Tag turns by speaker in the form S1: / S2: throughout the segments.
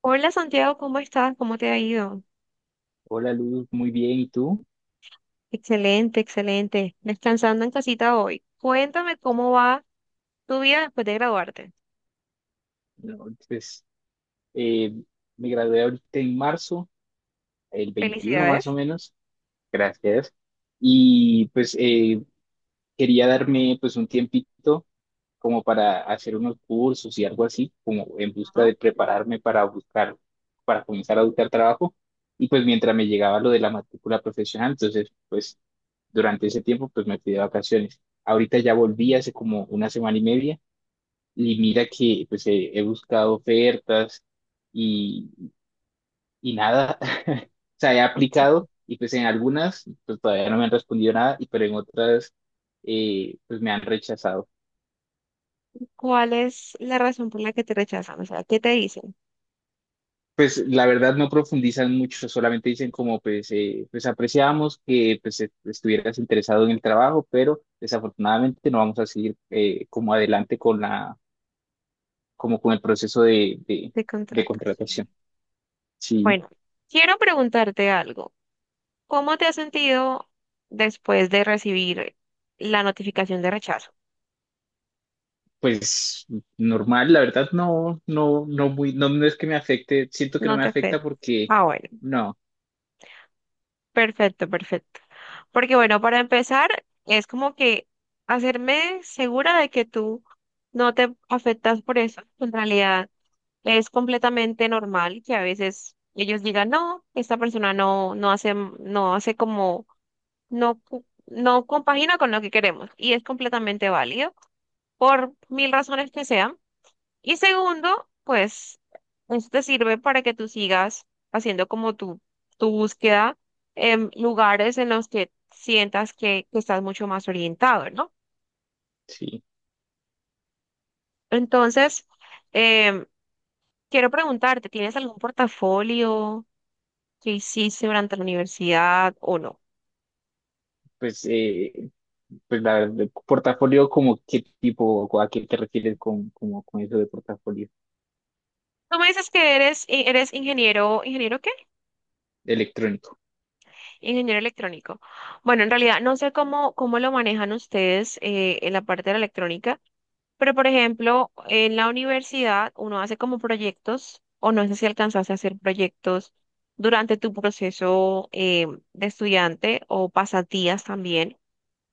S1: Hola Santiago, ¿cómo estás? ¿Cómo te ha ido?
S2: Hola Luz, muy bien, ¿y tú?
S1: Excelente, excelente. Descansando en casita hoy. Cuéntame cómo va tu vida después de graduarte.
S2: No, pues eh, me gradué ahorita en marzo, el 21 más o
S1: Felicidades,
S2: menos, gracias. Y pues quería darme pues un tiempito como para hacer unos cursos y algo así, como en busca de
S1: ¿no?
S2: prepararme para buscar, para comenzar a buscar trabajo. Y pues mientras me llegaba lo de la matrícula profesional, entonces pues durante ese tiempo pues me fui de vacaciones. Ahorita ya volví hace como una semana y media. Y mira que pues he buscado ofertas y, y nada, o sea, he aplicado y pues en algunas pues todavía no me han respondido nada, y pero en otras pues me han rechazado.
S1: ¿Cuál es la razón por la que te rechazan? O sea, ¿qué te dicen
S2: Pues la verdad no profundizan mucho, solamente dicen como pues, pues apreciamos que pues estuvieras interesado en el trabajo, pero desafortunadamente no vamos a seguir como adelante con la, como con el proceso
S1: de
S2: de
S1: contratación?
S2: contratación. Sí.
S1: Bueno, quiero preguntarte algo. ¿Cómo te has sentido después de recibir la notificación de rechazo?
S2: Pues normal, la verdad no muy, no es que me afecte, siento que no
S1: ¿No
S2: me
S1: te
S2: afecta
S1: afecta?
S2: porque
S1: Ah, bueno.
S2: no,
S1: Perfecto, perfecto. Porque bueno, para empezar, es como que hacerme segura de que tú no te afectas por eso. En realidad, es completamente normal que a veces ellos digan no, esta persona no, no hace, no hace como, no, no compagina con lo que queremos. Y es completamente válido por mil razones que sean. Y segundo, pues esto te sirve para que tú sigas haciendo como tu búsqueda en lugares en los que sientas que estás mucho más orientado, ¿no?
S2: sí,
S1: Entonces, em, quiero preguntarte, ¿tienes algún portafolio que hiciste durante la universidad o no?
S2: pues, pues la verdad, portafolio como qué tipo, o a qué te refieres con, como, con eso de portafolio
S1: Tú me dices que eres, eres ingeniero, ¿ingeniero qué?
S2: electrónico.
S1: Ingeniero electrónico. Bueno, en realidad no sé cómo, cómo lo manejan ustedes en la parte de la electrónica. Pero, por ejemplo, en la universidad uno hace como proyectos, o no sé si alcanzaste a hacer proyectos durante tu proceso de estudiante o pasatías también,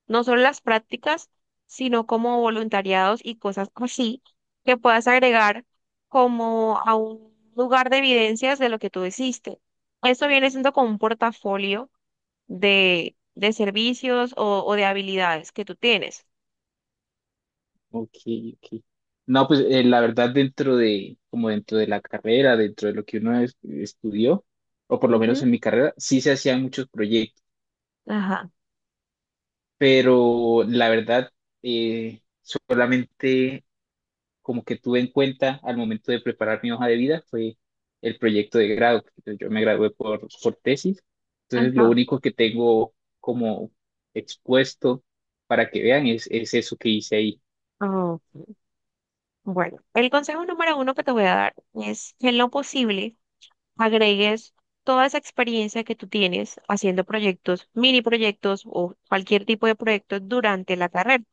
S1: no solo las prácticas, sino como voluntariados y cosas así que puedas agregar como a un lugar de evidencias de lo que tú hiciste. Esto viene siendo como un portafolio de servicios o de habilidades que tú tienes.
S2: Ok, ok. No, pues la verdad dentro de, como dentro de la carrera, dentro de lo que uno estudió, o por lo menos
S1: Ujú.
S2: en mi carrera, sí se hacían muchos proyectos,
S1: Ajá,
S2: pero la verdad solamente como que tuve en cuenta al momento de preparar mi hoja de vida fue el proyecto de grado, porque yo me gradué por tesis, entonces lo
S1: ajá.
S2: único que tengo como expuesto para que vean es eso que hice ahí.
S1: Ok. Bueno, el consejo número uno que te voy a dar es que en lo posible agregues toda esa experiencia que tú tienes haciendo proyectos, mini proyectos o cualquier tipo de proyecto durante la carrera.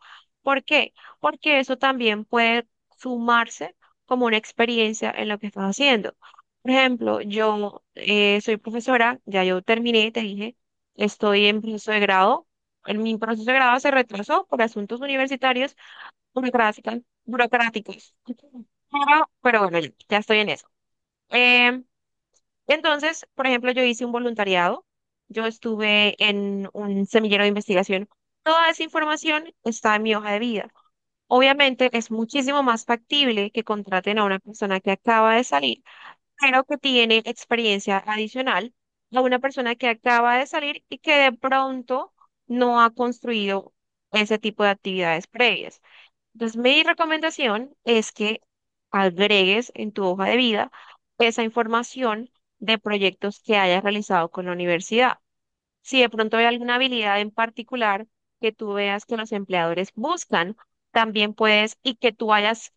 S1: ¿Por qué? Porque eso también puede sumarse como una experiencia en lo que estás haciendo. Por ejemplo, yo soy profesora, ya yo terminé, te dije, estoy en proceso de grado. En mi proceso de grado se retrasó por asuntos universitarios burocráticas, burocráticos. Pero bueno, ya estoy en eso. Eh, entonces, por ejemplo, yo hice un voluntariado. Yo estuve en un semillero de investigación. Toda esa información está en mi hoja de vida. Obviamente es muchísimo más factible que contraten a una persona que acaba de salir, pero que tiene experiencia adicional a una persona que acaba de salir y que de pronto no ha construido ese tipo de actividades previas. Entonces, mi recomendación es que agregues en tu hoja de vida esa información de proyectos que hayas realizado con la universidad. Si de pronto hay alguna habilidad en particular que tú veas que los empleadores buscan, también puedes, y que tú hayas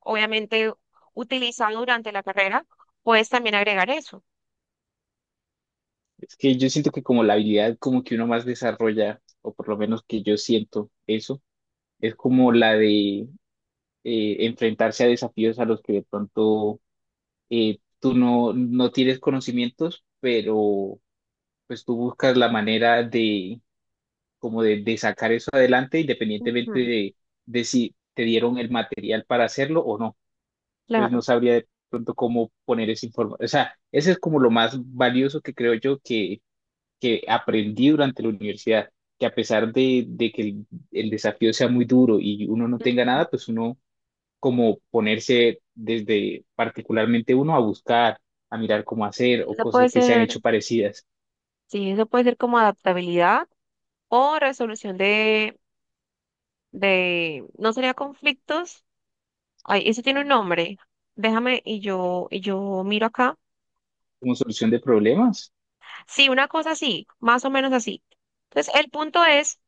S1: obviamente utilizado durante la carrera, puedes también agregar eso.
S2: Es que yo siento que como la habilidad como que uno más desarrolla, o por lo menos que yo siento eso, es como la de enfrentarse a desafíos a los que de pronto tú no tienes conocimientos, pero pues tú buscas la manera de como de sacar eso adelante independientemente
S1: Ujú,
S2: de si te dieron el material para hacerlo o no. Entonces no
S1: claro.
S2: sabría de pronto cómo poner ese informe. O sea, ese es como lo más valioso que creo yo que aprendí durante la universidad, que a pesar de que el desafío sea muy duro y uno no tenga nada, pues uno como ponerse desde particularmente uno a buscar, a mirar cómo hacer o
S1: Eso
S2: cosas
S1: puede
S2: que se han
S1: ser,
S2: hecho parecidas
S1: sí, eso puede ser como adaptabilidad o resolución de, no sería conflictos, ay, eso tiene un nombre, déjame y yo miro acá.
S2: como solución de problemas.
S1: Sí, una cosa así, más o menos así. Entonces, el punto es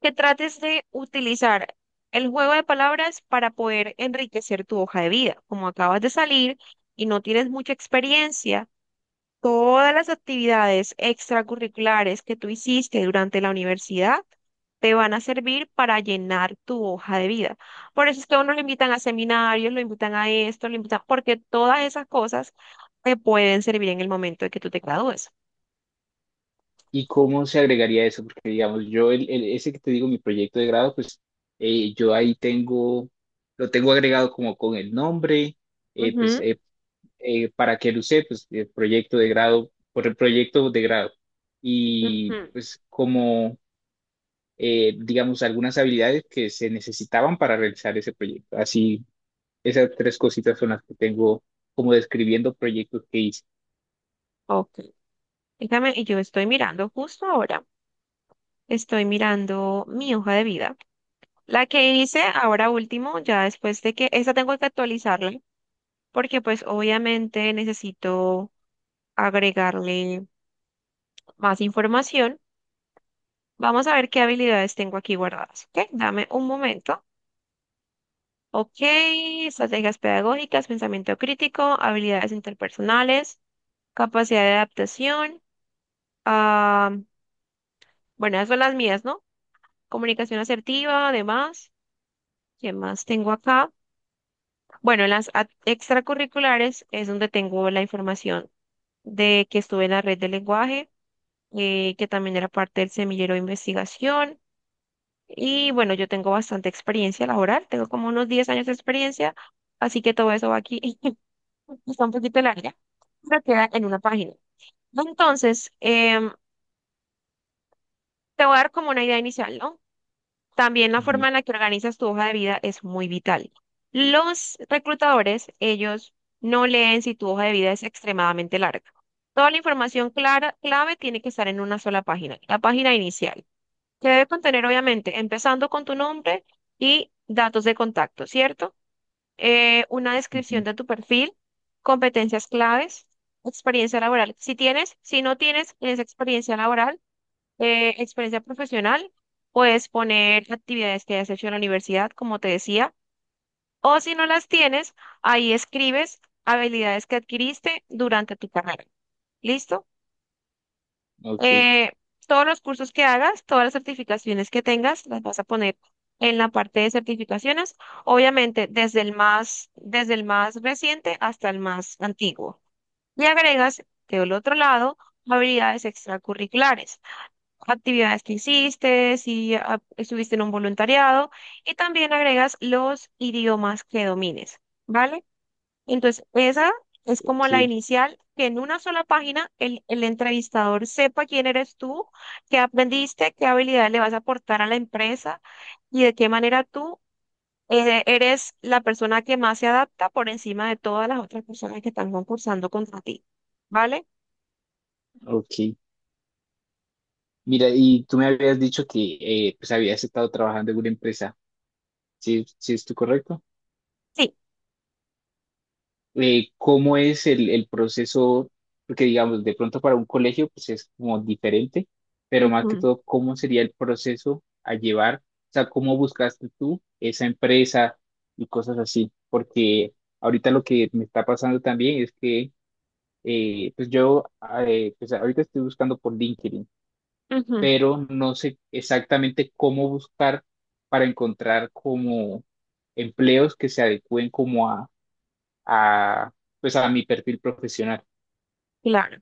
S1: que trates de utilizar el juego de palabras para poder enriquecer tu hoja de vida. Como acabas de salir y no tienes mucha experiencia, todas las actividades extracurriculares que tú hiciste durante la universidad te van a servir para llenar tu hoja de vida. Por eso es que a uno lo invitan a seminarios, lo invitan a esto, lo invitan, porque todas esas cosas te pueden servir en el momento de que tú te gradúes.
S2: ¿Y cómo se agregaría eso? Porque, digamos, yo, ese que te digo, mi proyecto de grado, pues yo ahí tengo, lo tengo agregado como con el nombre, eh, pues
S1: Ujú,
S2: eh, para que lo use, pues el proyecto de grado, por el proyecto de grado. Y
S1: ujú.
S2: pues como, digamos, algunas habilidades que se necesitaban para realizar ese proyecto. Así, esas tres cositas son las que tengo como describiendo proyectos que hice.
S1: Ok. Déjame, y yo estoy mirando justo ahora, estoy mirando mi hoja de vida. La que hice ahora último, ya después de que, esa tengo que actualizarla, porque pues obviamente necesito agregarle más información. Vamos a ver qué habilidades tengo aquí guardadas, ¿ok? Dame un momento. Ok, estrategias pedagógicas, pensamiento crítico, habilidades interpersonales, capacidad de adaptación. Ah, bueno, esas son las mías, ¿no? Comunicación asertiva, además. ¿Qué más tengo acá? Bueno, en las extracurriculares es donde tengo la información de que estuve en la red de lenguaje, que también era parte del semillero de investigación. Y bueno, yo tengo bastante experiencia laboral, tengo como unos 10 años de experiencia, así que todo eso va aquí, está un poquito larga, pero queda en una página. Entonces, te voy a dar como una idea inicial, ¿no? También la forma
S2: Ujú,
S1: en la que organizas tu hoja de vida es muy vital. Los reclutadores, ellos no leen si tu hoja de vida es extremadamente larga. Toda la información clara, clave tiene que estar en una sola página, la página inicial, que debe contener, obviamente, empezando con tu nombre y datos de contacto, ¿cierto? Una descripción
S2: ujú.
S1: de tu perfil, competencias claves, experiencia laboral. Si tienes, si no tienes, tienes experiencia laboral, experiencia profesional, puedes poner actividades que hayas hecho en la universidad, como te decía, o si no las tienes, ahí escribes habilidades que adquiriste durante tu carrera. ¿Listo?
S2: Ok,
S1: Eh, todos los cursos que hagas, todas las certificaciones que tengas, las vas a poner en la parte de certificaciones, obviamente desde el más reciente hasta el más antiguo. Y agregas del otro lado habilidades extracurriculares, actividades que hiciste, si ah, estuviste en un voluntariado, y también agregas los idiomas que domines, ¿vale? Entonces, esa es como
S2: ok,
S1: la inicial, que en una sola página el entrevistador sepa quién eres tú, qué aprendiste, qué habilidades le vas a aportar a la empresa y de qué manera tú eres la persona que más se adapta por encima de todas las otras personas que están concursando contra ti. ¿Vale?
S2: ok. Mira, y tú me habías dicho que pues habías estado trabajando en una empresa, ¿sí, sí estoy correcto?
S1: Sí.
S2: ¿Cómo es el proceso? Porque digamos, de pronto para un colegio pues es como diferente, pero más que
S1: Ujú,
S2: todo, ¿cómo sería el proceso a llevar? O sea, ¿cómo buscaste tú esa empresa y cosas así? Porque ahorita lo que me está pasando también es que pues ahorita estoy buscando por LinkedIn,
S1: ujú,
S2: pero no sé exactamente cómo buscar para encontrar como empleos que se adecúen como a, pues a mi perfil profesional.
S1: claro.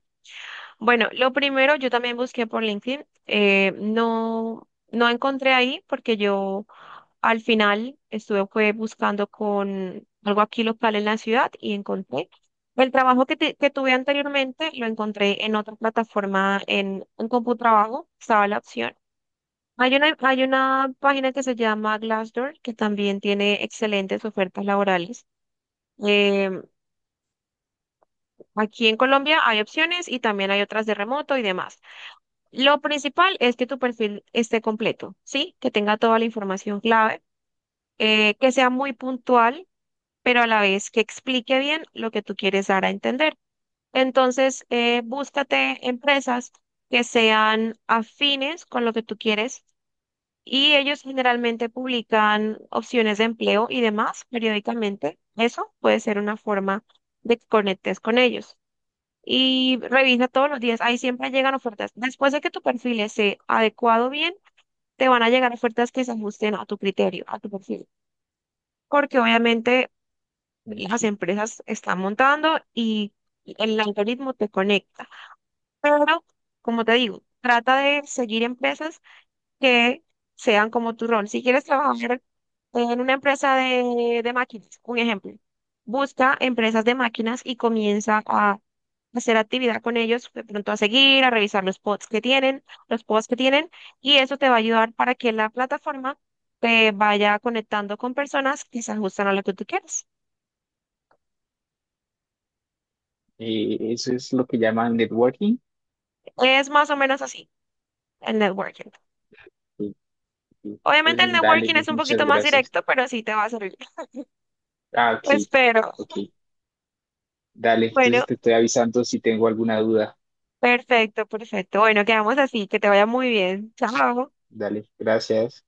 S1: Bueno, lo primero, yo también busqué por LinkedIn. No, no encontré ahí porque yo al final estuve fue, buscando con algo aquí local en la ciudad y encontré. El trabajo que, que tuve anteriormente lo encontré en otra plataforma, en Computrabajo, estaba la opción. Hay una página que se llama Glassdoor que también tiene excelentes ofertas laborales. Em, aquí en Colombia hay opciones y también hay otras de remoto y demás. Lo principal es que tu perfil esté completo, ¿sí? Que tenga toda la información clave, que sea muy puntual, pero a la vez que explique bien lo que tú quieres dar a entender. Entonces, búscate empresas que sean afines con lo que tú quieres y ellos generalmente publican opciones de empleo y demás periódicamente. Eso puede ser una forma de que conectes con ellos y revisa todos los días. Ahí siempre llegan ofertas. Después de que tu perfil esté adecuado bien, te van a llegar ofertas que se ajusten a tu criterio, a tu perfil, porque obviamente las
S2: Ok.
S1: empresas están montando y el algoritmo te conecta. Pero, como te digo, trata de seguir empresas que sean como tu rol. Si quieres trabajar en una empresa de máquinas, un ejemplo. Busca empresas de máquinas y comienza a hacer actividad con ellos, de pronto a seguir, a revisar los pods que tienen, los pods que tienen, y eso te va a ayudar para que la plataforma te vaya conectando con personas que se ajustan a lo que tú quieres.
S2: Eso es lo que llaman networking.
S1: Es más o menos así el networking.
S2: Ok, ok.
S1: Obviamente el
S2: Entonces, dale,
S1: networking es
S2: Luz,
S1: un
S2: muchas
S1: poquito más
S2: gracias.
S1: directo, pero sí te va a servir.
S2: Ah, ok,
S1: Espero.
S2: ok, dale.
S1: Bueno,
S2: Entonces te estoy avisando si tengo alguna duda.
S1: perfecto, perfecto. Bueno, quedamos así. Que te vaya muy bien. Chao.
S2: Dale, gracias.